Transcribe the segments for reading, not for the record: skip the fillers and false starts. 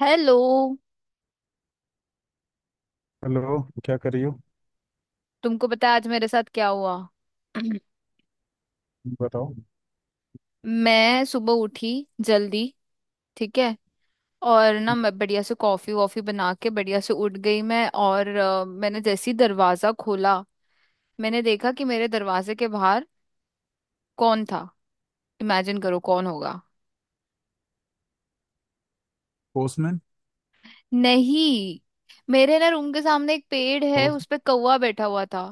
Hello. Hello. क्या कर रही हो? तुमको पता है आज मेरे साथ क्या हुआ? बताओ। मैं सुबह उठी, जल्दी। ठीक है। और ना मैं बढ़िया से कॉफी वॉफी बना के बढ़िया से उठ गई मैं, और मैंने जैसे ही दरवाजा खोला, मैंने देखा कि मेरे दरवाजे के बाहर कौन था। इमेजिन करो कौन होगा। पोस्टमैन। नहीं। मेरे ना रूम के सामने एक पेड़ है, पड़ोस। उस पे कौवा बैठा हुआ था।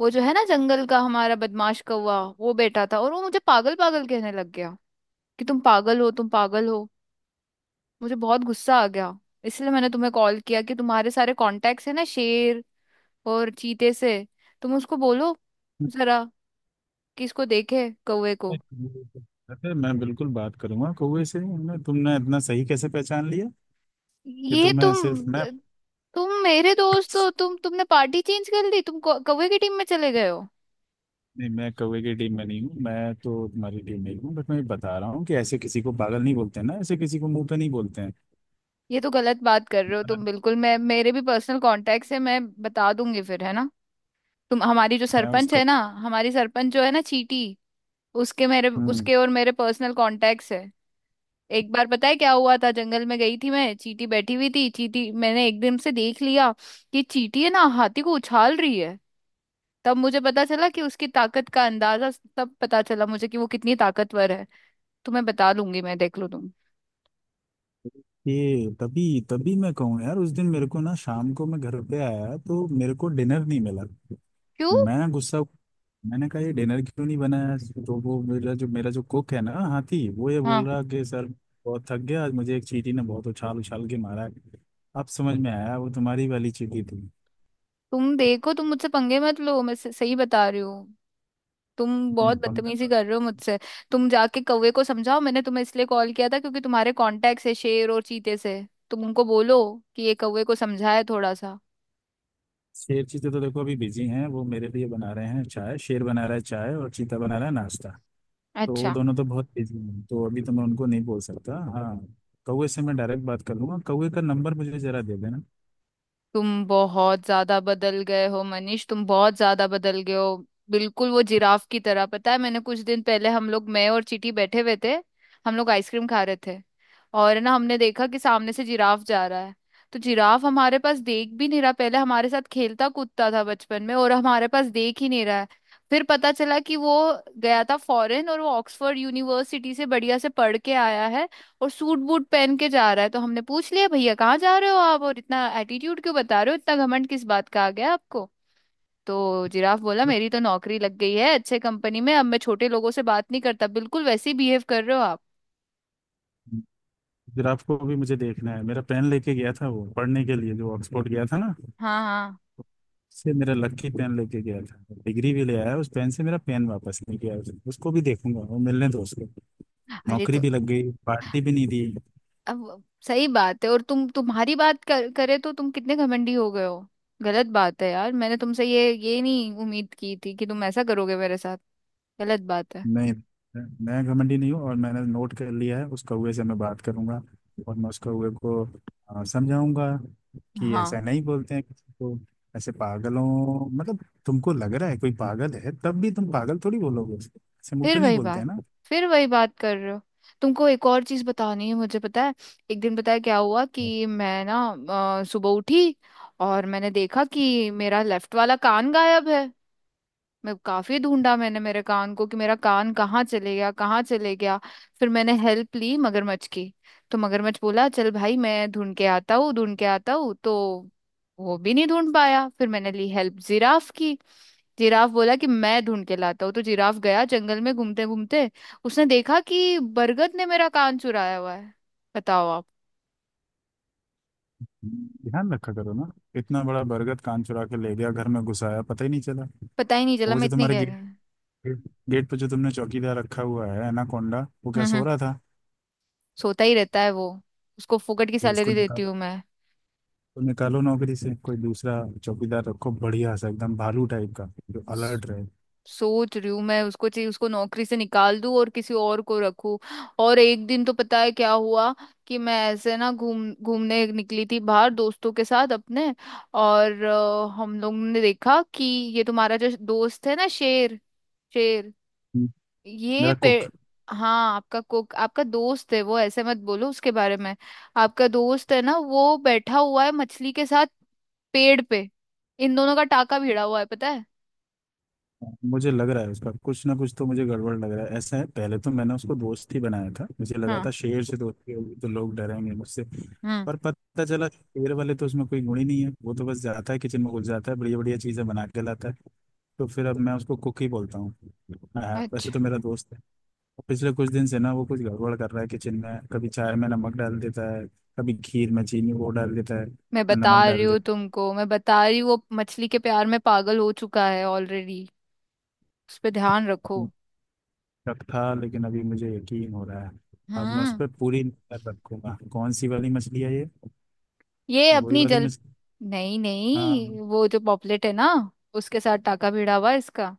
वो जो है ना, जंगल का हमारा बदमाश कौवा, वो बैठा था और वो मुझे पागल पागल कहने लग गया कि तुम पागल हो, तुम पागल हो। मुझे बहुत गुस्सा आ गया। इसलिए मैंने तुम्हें कॉल किया, कि तुम्हारे सारे कॉन्टेक्ट्स है ना शेर और चीते से, तुम उसको बोलो जरा कि इसको देखे, कौवे को। अरे, मैं बिल्कुल बात करूंगा कौवे से। हमने, तुमने इतना सही कैसे पहचान लिया? कि तो ये मैं सिर्फ, तुम मैं... तुम मेरे दोस्त हो, तुमने पार्टी चेंज कर ली, तुम कौवे की टीम में चले गए हो। नहीं, मैं कौवे की टीम में नहीं हूँ, मैं तो तुम्हारी टीम में ही हूँ। बट मैं ये बता रहा हूँ कि ऐसे किसी को पागल नहीं बोलते ना, ऐसे किसी को मुंह पे नहीं बोलते हैं। ये तो गलत बात कर रहे हो मैं तुम बिल्कुल। मैं, मेरे भी पर्सनल कॉन्टेक्ट्स है, मैं बता दूंगी फिर, है ना। तुम, हमारी जो मैं सरपंच उसका। है ना, हमारी सरपंच जो है ना चीटी, उसके, मेरे हम्म। उसके और मेरे पर्सनल कॉन्टेक्ट्स है। एक बार पता है क्या हुआ था, जंगल में गई थी मैं, चींटी बैठी हुई थी, चींटी। मैंने एकदम से देख लिया कि चींटी है ना हाथी को उछाल रही है। तब मुझे पता चला कि उसकी ताकत का अंदाजा, तब पता चला मुझे कि वो कितनी ताकतवर है। तुम्हें बता लूंगी मैं, देख लो तुम। ये तभी तभी मैं कहूँ, यार उस दिन मेरे को ना शाम को मैं घर पे आया तो मेरे को डिनर नहीं मिला। क्यों? मैं गुस्सा। मैंने कहा ये डिनर क्यों नहीं बनाया? तो वो मेरा जो कुक है ना, हाथी, वो ये बोल हाँ। रहा कि सर बहुत थक गया आज, मुझे एक चींटी ने बहुत उछाल उछाल के मारा है। अब समझ में आया, वो तुम्हारी वाली चींटी थी। तुम देखो, तुम मुझसे पंगे मत लो, मैं सही बता रही हूँ। तुम नहीं, बहुत पंखा बदतमीजी था। कर रहे हो मुझसे। तुम जाके कौवे को समझाओ, मैंने तुम्हें इसलिए कॉल किया था क्योंकि तुम्हारे कॉन्टेक्ट है शेर और चीते से, तुम उनको बोलो कि ये कौवे को समझाए थोड़ा सा। शेर चीते तो देखो अभी बिजी हैं, वो मेरे लिए बना रहे हैं चाय। शेर बना रहा है चाय और चीता बना रहा है नाश्ता। तो वो अच्छा। दोनों तो बहुत बिजी हैं, तो अभी तो मैं उनको नहीं बोल सकता। हाँ, कौवे से मैं डायरेक्ट बात कर लूंगा। कौवे का नंबर मुझे जरा दे देना। तुम बहुत ज्यादा बदल गए हो मनीष, तुम बहुत ज्यादा बदल गए हो, बिल्कुल वो जिराफ की तरह। पता है, मैंने कुछ दिन पहले, हम लोग, मैं और चीटी, बैठे हुए थे, हम लोग आइसक्रीम खा रहे थे, और ना हमने देखा कि सामने से जिराफ जा रहा है। तो जिराफ हमारे पास देख भी नहीं रहा, पहले हमारे साथ खेलता कूदता था बचपन में, और हमारे पास देख ही नहीं रहा है। फिर पता चला कि वो गया था फॉरेन और वो ऑक्सफोर्ड यूनिवर्सिटी से बढ़िया से पढ़ के आया है और सूट बूट पहन के जा रहा है। तो हमने पूछ लिया भैया कहाँ जा रहे हो आप, और इतना एटीट्यूड क्यों बता रहे हो, इतना घमंड किस बात का आ गया आपको। तो जिराफ बोला मेरी तो नौकरी लग गई है अच्छे कंपनी में, अब मैं छोटे लोगों से बात नहीं करता। बिल्कुल वैसे ही बिहेव कर रहे हो आप। जिराफ को भी मुझे देखना है। मेरा पेन लेके गया था वो, पढ़ने के लिए जो ऑक्सफोर्ड गया था ना, हाँ हाँ। उससे मेरा लकी पेन लेके गया था। डिग्री भी ले आया उस पेन से, मेरा पेन वापस नहीं किया उसने। उसको भी देखूंगा, वो मिलने दो उसको। अरे नौकरी तो भी लग गई, पार्टी भी नहीं दी। अब, सही बात है, और तुम, तुम्हारी बात करे तो तुम कितने घमंडी हो गए हो। गलत बात है यार, मैंने तुमसे ये नहीं उम्मीद की थी कि तुम ऐसा करोगे मेरे साथ। गलत बात है। नहीं, मैं घमंडी नहीं हूँ, और मैंने नोट कर लिया है। उस कौवे से मैं बात करूंगा और मैं उस कौवे को समझाऊंगा कि हाँ। ऐसा नहीं बोलते हैं किसी को। ऐसे पागलों... मतलब तुमको लग रहा है कोई पागल है, तब भी तुम पागल थोड़ी बोलोगे उसको? ऐसे मुंह फिर पे नहीं वही बोलते बात, हैं ना। फिर वही बात कर रहे हो। तुमको एक और चीज बतानी है, मुझे पता है। एक दिन पता है क्या हुआ कि मैं ना सुबह उठी और मैंने देखा कि मेरा लेफ्ट वाला कान गायब है। मैं काफी ढूंढा मैंने मेरे कान को, कि मेरा कान कहाँ चले गया, कहाँ चले गया। फिर मैंने हेल्प ली मगरमच्छ की। तो मगरमच्छ बोला चल भाई मैं ढूंढ के आता हूँ, ढूंढ के आता हूँ। तो वो भी नहीं ढूंढ पाया। फिर मैंने ली हेल्प जिराफ की। जिराफ बोला कि मैं ढूंढ के लाता हूँ। तो जिराफ गया जंगल में, घूमते घूमते उसने देखा कि बरगद ने मेरा कान चुराया हुआ है। बताओ आप। ध्यान रखा करो ना। इतना बड़ा बरगद कान चुरा के ले गया, घर में घुसाया पता ही नहीं चला। पता ही नहीं चला, वो मैं जो इतनी तुम्हारे कह रही गेट हूँ। गेट पे जो तुमने चौकीदार रखा हुआ है, एनाकोंडा, वो क्या हम्म, सो हम्म, रहा था? सोता ही रहता है वो, उसको फुकट की तो उसको सैलरी देती निकाल, हूँ मैं। तो निकालो नौकरी से, कोई दूसरा चौकीदार रखो, बढ़िया सा, एकदम भालू टाइप का, जो अलर्ट रहे। सोच रही हूँ मैं, उसको चाहिए उसको नौकरी से निकाल दूं और किसी और को रखूं। और एक दिन तो पता है क्या हुआ कि मैं ऐसे ना घूम घूमने निकली थी बाहर दोस्तों के साथ अपने, और हम लोग ने देखा कि ये तुम्हारा जो दोस्त है ना शेर, शेर, ये मेरा पे, हाँ आपका कुक आपका दोस्त है, वो ऐसे मत बोलो उसके बारे में। आपका दोस्त है ना, वो बैठा हुआ है मछली के साथ, पेड़ पे, इन दोनों का टाका भिड़ा हुआ है, पता है। मुझे लग रहा है उसका कुछ ना कुछ तो मुझे गड़बड़ लग रहा है। ऐसा है, पहले तो मैंने उसको दोस्त ही बनाया था। मुझे लगा हाँ। था शेर से दोस्ती होगी तो लोग डरेंगे मुझसे, हम्म। पर पता चला शेर वाले तो उसमें कोई गुण ही नहीं है। वो तो बस जाता है किचन में घुस जाता है, बढ़िया बढ़िया चीजें बना के लाता है। तो फिर अब मैं उसको कुक ही बोलता हूँ। हाँ, वैसे तो मेरा दोस्त है। पिछले कुछ दिन से ना वो कुछ गड़बड़ कर रहा है किचन में, कभी चाय में नमक डाल देता है, कभी खीर में चीनी वो डाल देता है। मैं बता नमक रही डाल हूँ देता तुमको, मैं बता रही हूँ, वो मछली के प्यार में पागल हो चुका है ऑलरेडी। उस पे ध्यान रखो। है। शक था लेकिन अभी मुझे यकीन हो रहा है। अब मैं उस हाँ। पर पूरी नजर रखूंगा। कौन सी वाली मछली है ये? ये ये वही अपनी वाली जल, मछली। नहीं नहीं, हाँ। वो जो पॉपलेट है ना, उसके साथ टाका भिड़ा हुआ है इसका।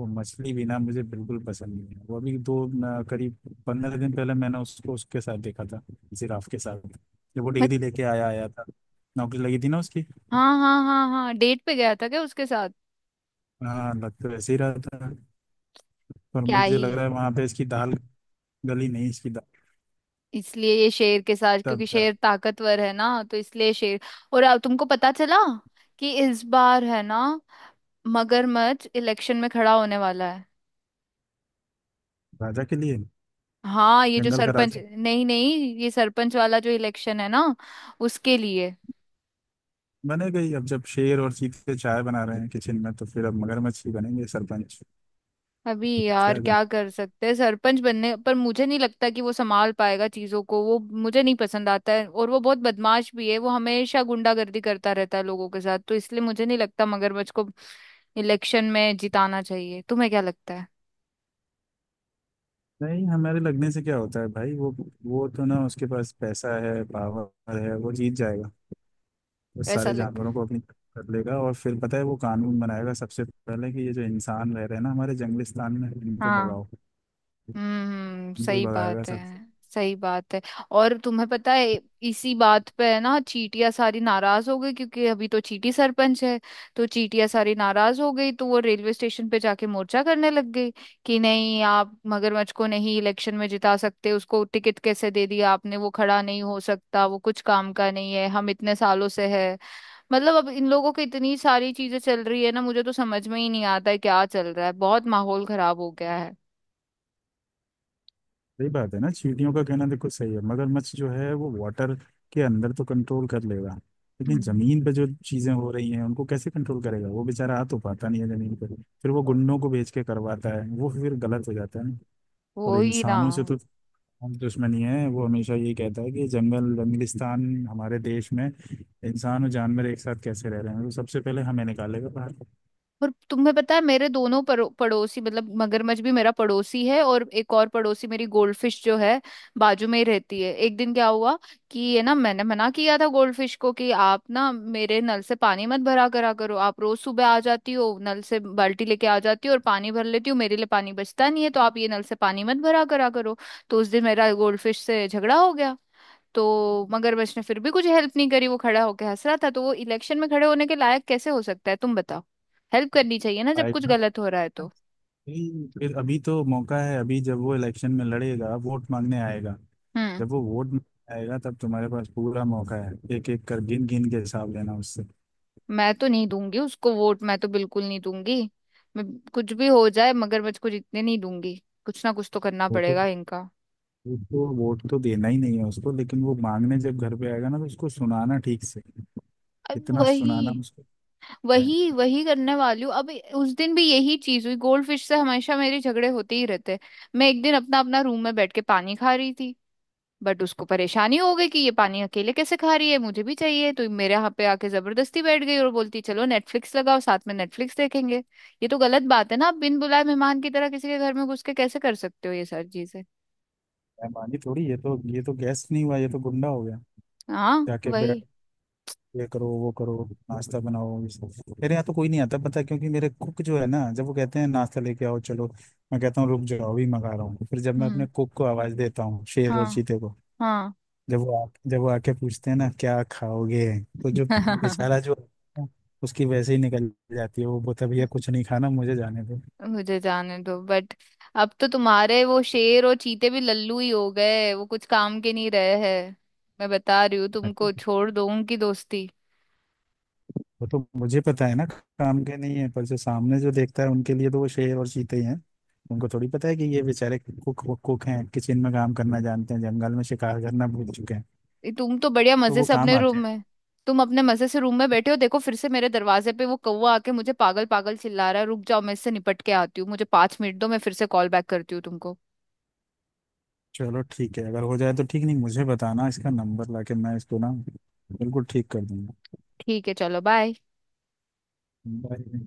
वो मछली भी ना मुझे बिल्कुल पसंद नहीं है। वो अभी दो न, करीब 15 दिन पहले मैंने उसको उसके साथ देखा था, जिराफ के साथ, जब वो मत। डिग्री लेके आया आया था, नौकरी लगी थी ना उसकी। हाँ हाँ हाँ हाँ, डेट पे गया था क्या उसके साथ? हाँ, लग तो वैसे ही रहा था पर क्या मुझे ही। लग रहा है वहां पे इसकी दाल गली नहीं, इसकी दाल... इसलिए ये शेर के साथ, तब क्योंकि जा- शेर ताकतवर है ना, तो इसलिए शेर। और अब तुमको पता चला कि इस बार है ना, मगरमच्छ इलेक्शन में खड़ा होने वाला है। राजा के लिए। हाँ, ये जो जंगल का सरपंच, राजा नहीं नहीं, ये सरपंच वाला जो इलेक्शन है ना, उसके लिए। बने गई। अब जब शेर और चीते चाय बना रहे हैं किचन में तो फिर अब मगरमच्छ ही बनेंगे सरपंच। अभी यार क्या जम... क्या कर सकते हैं। सरपंच बनने पर मुझे नहीं लगता कि वो संभाल पाएगा चीजों को, वो मुझे नहीं पसंद आता है और वो बहुत बदमाश भी है, वो हमेशा गुंडागर्दी करता रहता है लोगों के साथ, तो इसलिए मुझे नहीं लगता मगरमच्छ को इलेक्शन में जिताना चाहिए। तुम्हें क्या लगता है? नहीं, हमारे लगने से क्या होता है भाई? वो तो ना, उसके पास पैसा है, पावर है, वो जीत जाएगा। वो ऐसा सारे लग, जानवरों को अपनी तरफ कर लेगा और फिर पता है वो कानून बनाएगा सबसे पहले कि ये जो इंसान रह रहे हैं ना हमारे जंगलिस्तान में, इनको हाँ। भगाओ। हम्म, इनको ही सही भगाएगा बात है। सब। सही बात है। और तुम्हें पता है, इसी बात पे है ना चीटियां सारी नाराज हो गई, क्योंकि अभी तो चीटी सरपंच है। तो चीटियां सारी नाराज हो गई, तो वो रेलवे स्टेशन पे जाके मोर्चा करने लग गई कि नहीं आप मगरमच्छ को नहीं इलेक्शन में जिता सकते, उसको टिकट कैसे दे दिया आपने, वो खड़ा नहीं हो सकता, वो कुछ काम का नहीं है, हम इतने सालों से है। मतलब अब इन लोगों की इतनी सारी चीजें चल रही है ना, मुझे तो समझ में ही नहीं आता है क्या चल रहा है, बहुत माहौल खराब हो गया है। सही बात है ना, चींटियों का कहना देखो सही है। मगरमच्छ जो है वो वाटर के अंदर तो कंट्रोल कर लेगा, लेकिन जमीन पे जो चीजें हो रही हैं उनको कैसे कंट्रोल करेगा? वो बेचारा आ तो पाता नहीं है जमीन पे, फिर वो हम्म। गुंडों को बेच के करवाता है, वो फिर गलत हो जाता है ना। और वो ही ना। इंसानों से तो हम दुश्मनी है। वो हमेशा यही कहता है कि जंगल, जंगलिस्तान हमारे देश में इंसान और जानवर एक साथ कैसे रह रहे हैं, वो सबसे पहले हमें निकालेगा बाहर। और तुम्हें पता है, मेरे दोनों पड़ोसी, मतलब मगरमच्छ भी मेरा पड़ोसी है और एक और पड़ोसी मेरी गोल्डफिश जो है, बाजू में ही रहती है। एक दिन क्या हुआ कि ये ना, मैंने मना किया था गोल्डफिश को कि आप ना मेरे नल से पानी मत भरा करा करो, आप रोज सुबह आ जाती हो, नल से बाल्टी लेके आ जाती हो और पानी भर लेती हो, मेरे लिए पानी बचता नहीं है, तो आप ये नल से पानी मत भरा करा करो। तो उस दिन मेरा गोल्डफिश से झगड़ा हो गया, तो मगरमच्छ ने फिर भी कुछ हेल्प नहीं करी, वो खड़ा होकर हंस रहा था। तो वो इलेक्शन में खड़े होने के लायक कैसे हो सकता है, तुम बताओ। हेल्प करनी चाहिए ना जब कुछ आएगा। गलत हो रहा है तो। नहीं, फिर अभी तो मौका है। अभी जब वो इलेक्शन में लड़ेगा, वोट मांगने आएगा। हम्म। जब वो वोट मांगने आएगा तब तुम्हारे पास पूरा मौका है, एक एक कर गिन गिन के हिसाब लेना उससे। मैं तो नहीं दूंगी उसको वोट, मैं तो बिल्कुल नहीं दूंगी। मैं कुछ भी हो जाए मगरमच्छ को जीतने नहीं दूंगी, कुछ ना कुछ तो करना वो तो, पड़ेगा इनका। उसको वोट तो देना ही नहीं है उसको, लेकिन वो मांगने जब घर पे आएगा ना तो उसको सुनाना ठीक से। अब इतना सुनाना वही, उसको है। वही करने वाली हूँ अब। उस दिन भी यही चीज हुई गोल्ड फिश से, हमेशा मेरे झगड़े होते ही रहते हैं। मैं एक दिन अपना अपना रूम में बैठ के पानी खा रही थी, बट उसको परेशानी हो गई कि ये पानी अकेले कैसे खा रही है, मुझे भी चाहिए, तो मेरे यहाँ पे आके जबरदस्ती बैठ गई और बोलती चलो नेटफ्लिक्स लगाओ, साथ में नेटफ्लिक्स देखेंगे। ये तो गलत बात है ना, आप बिन बुलाए मेहमान की तरह किसी के घर में घुस के कैसे कर सकते हो ये सारी चीजें। बेईमानी थोड़ी, ये तो गैस नहीं हुआ, ये तो गुंडा हो गया। हाँ जाके वही। बैठ, ये करो वो करो, नाश्ता बनाओ, ये सब। मेरे यहाँ तो कोई नहीं आता पता है, क्योंकि मेरे कुक जो है ना, जब वो कहते हैं नाश्ता लेके आओ चलो, मैं कहता हूँ रुक जाओ अभी मंगा रहा हूँ। फिर जब मैं हम्म। अपने कुक को आवाज देता हूँ, शेर और हाँ। चीते को, हाँ। जब वो आके पूछते हैं ना क्या खाओगे, तो जो बेचारा जो होता है, उसकी वैसे ही निकल जाती है। वो बोलता है, भैया कुछ नहीं खाना, मुझे जाने मुझे जाने दो बट अब तो तुम्हारे वो शेर और चीते भी लल्लू ही हो गए, वो कुछ काम के नहीं रहे हैं। मैं बता रही हूँ दो। तुमको, छोड़ दो उनकी दोस्ती। वो तो मुझे पता है ना, काम के नहीं है, पर जो सामने जो देखता है उनके लिए तो वो शेर और चीते ही हैं। उनको थोड़ी पता है कि ये बेचारे कुक कुक हैं, किचन में काम करना जानते हैं, जंगल में शिकार करना भूल चुके हैं, ये तुम तो बढ़िया तो मजे वो से काम अपने आते रूम हैं। में, तुम अपने मजे से रूम में बैठे हो, देखो फिर से मेरे दरवाजे पे वो कौवा आके मुझे पागल पागल चिल्ला रहा है। रुक जाओ, मैं इससे निपट के आती हूँ, मुझे 5 मिनट दो, मैं फिर से कॉल बैक करती हूँ तुमको। चलो ठीक है, अगर हो जाए तो ठीक, नहीं मुझे बताना इसका नंबर, लाके मैं इसको ना बिल्कुल ठीक कर दूंगा। ठीक है, चलो बाय। बाय।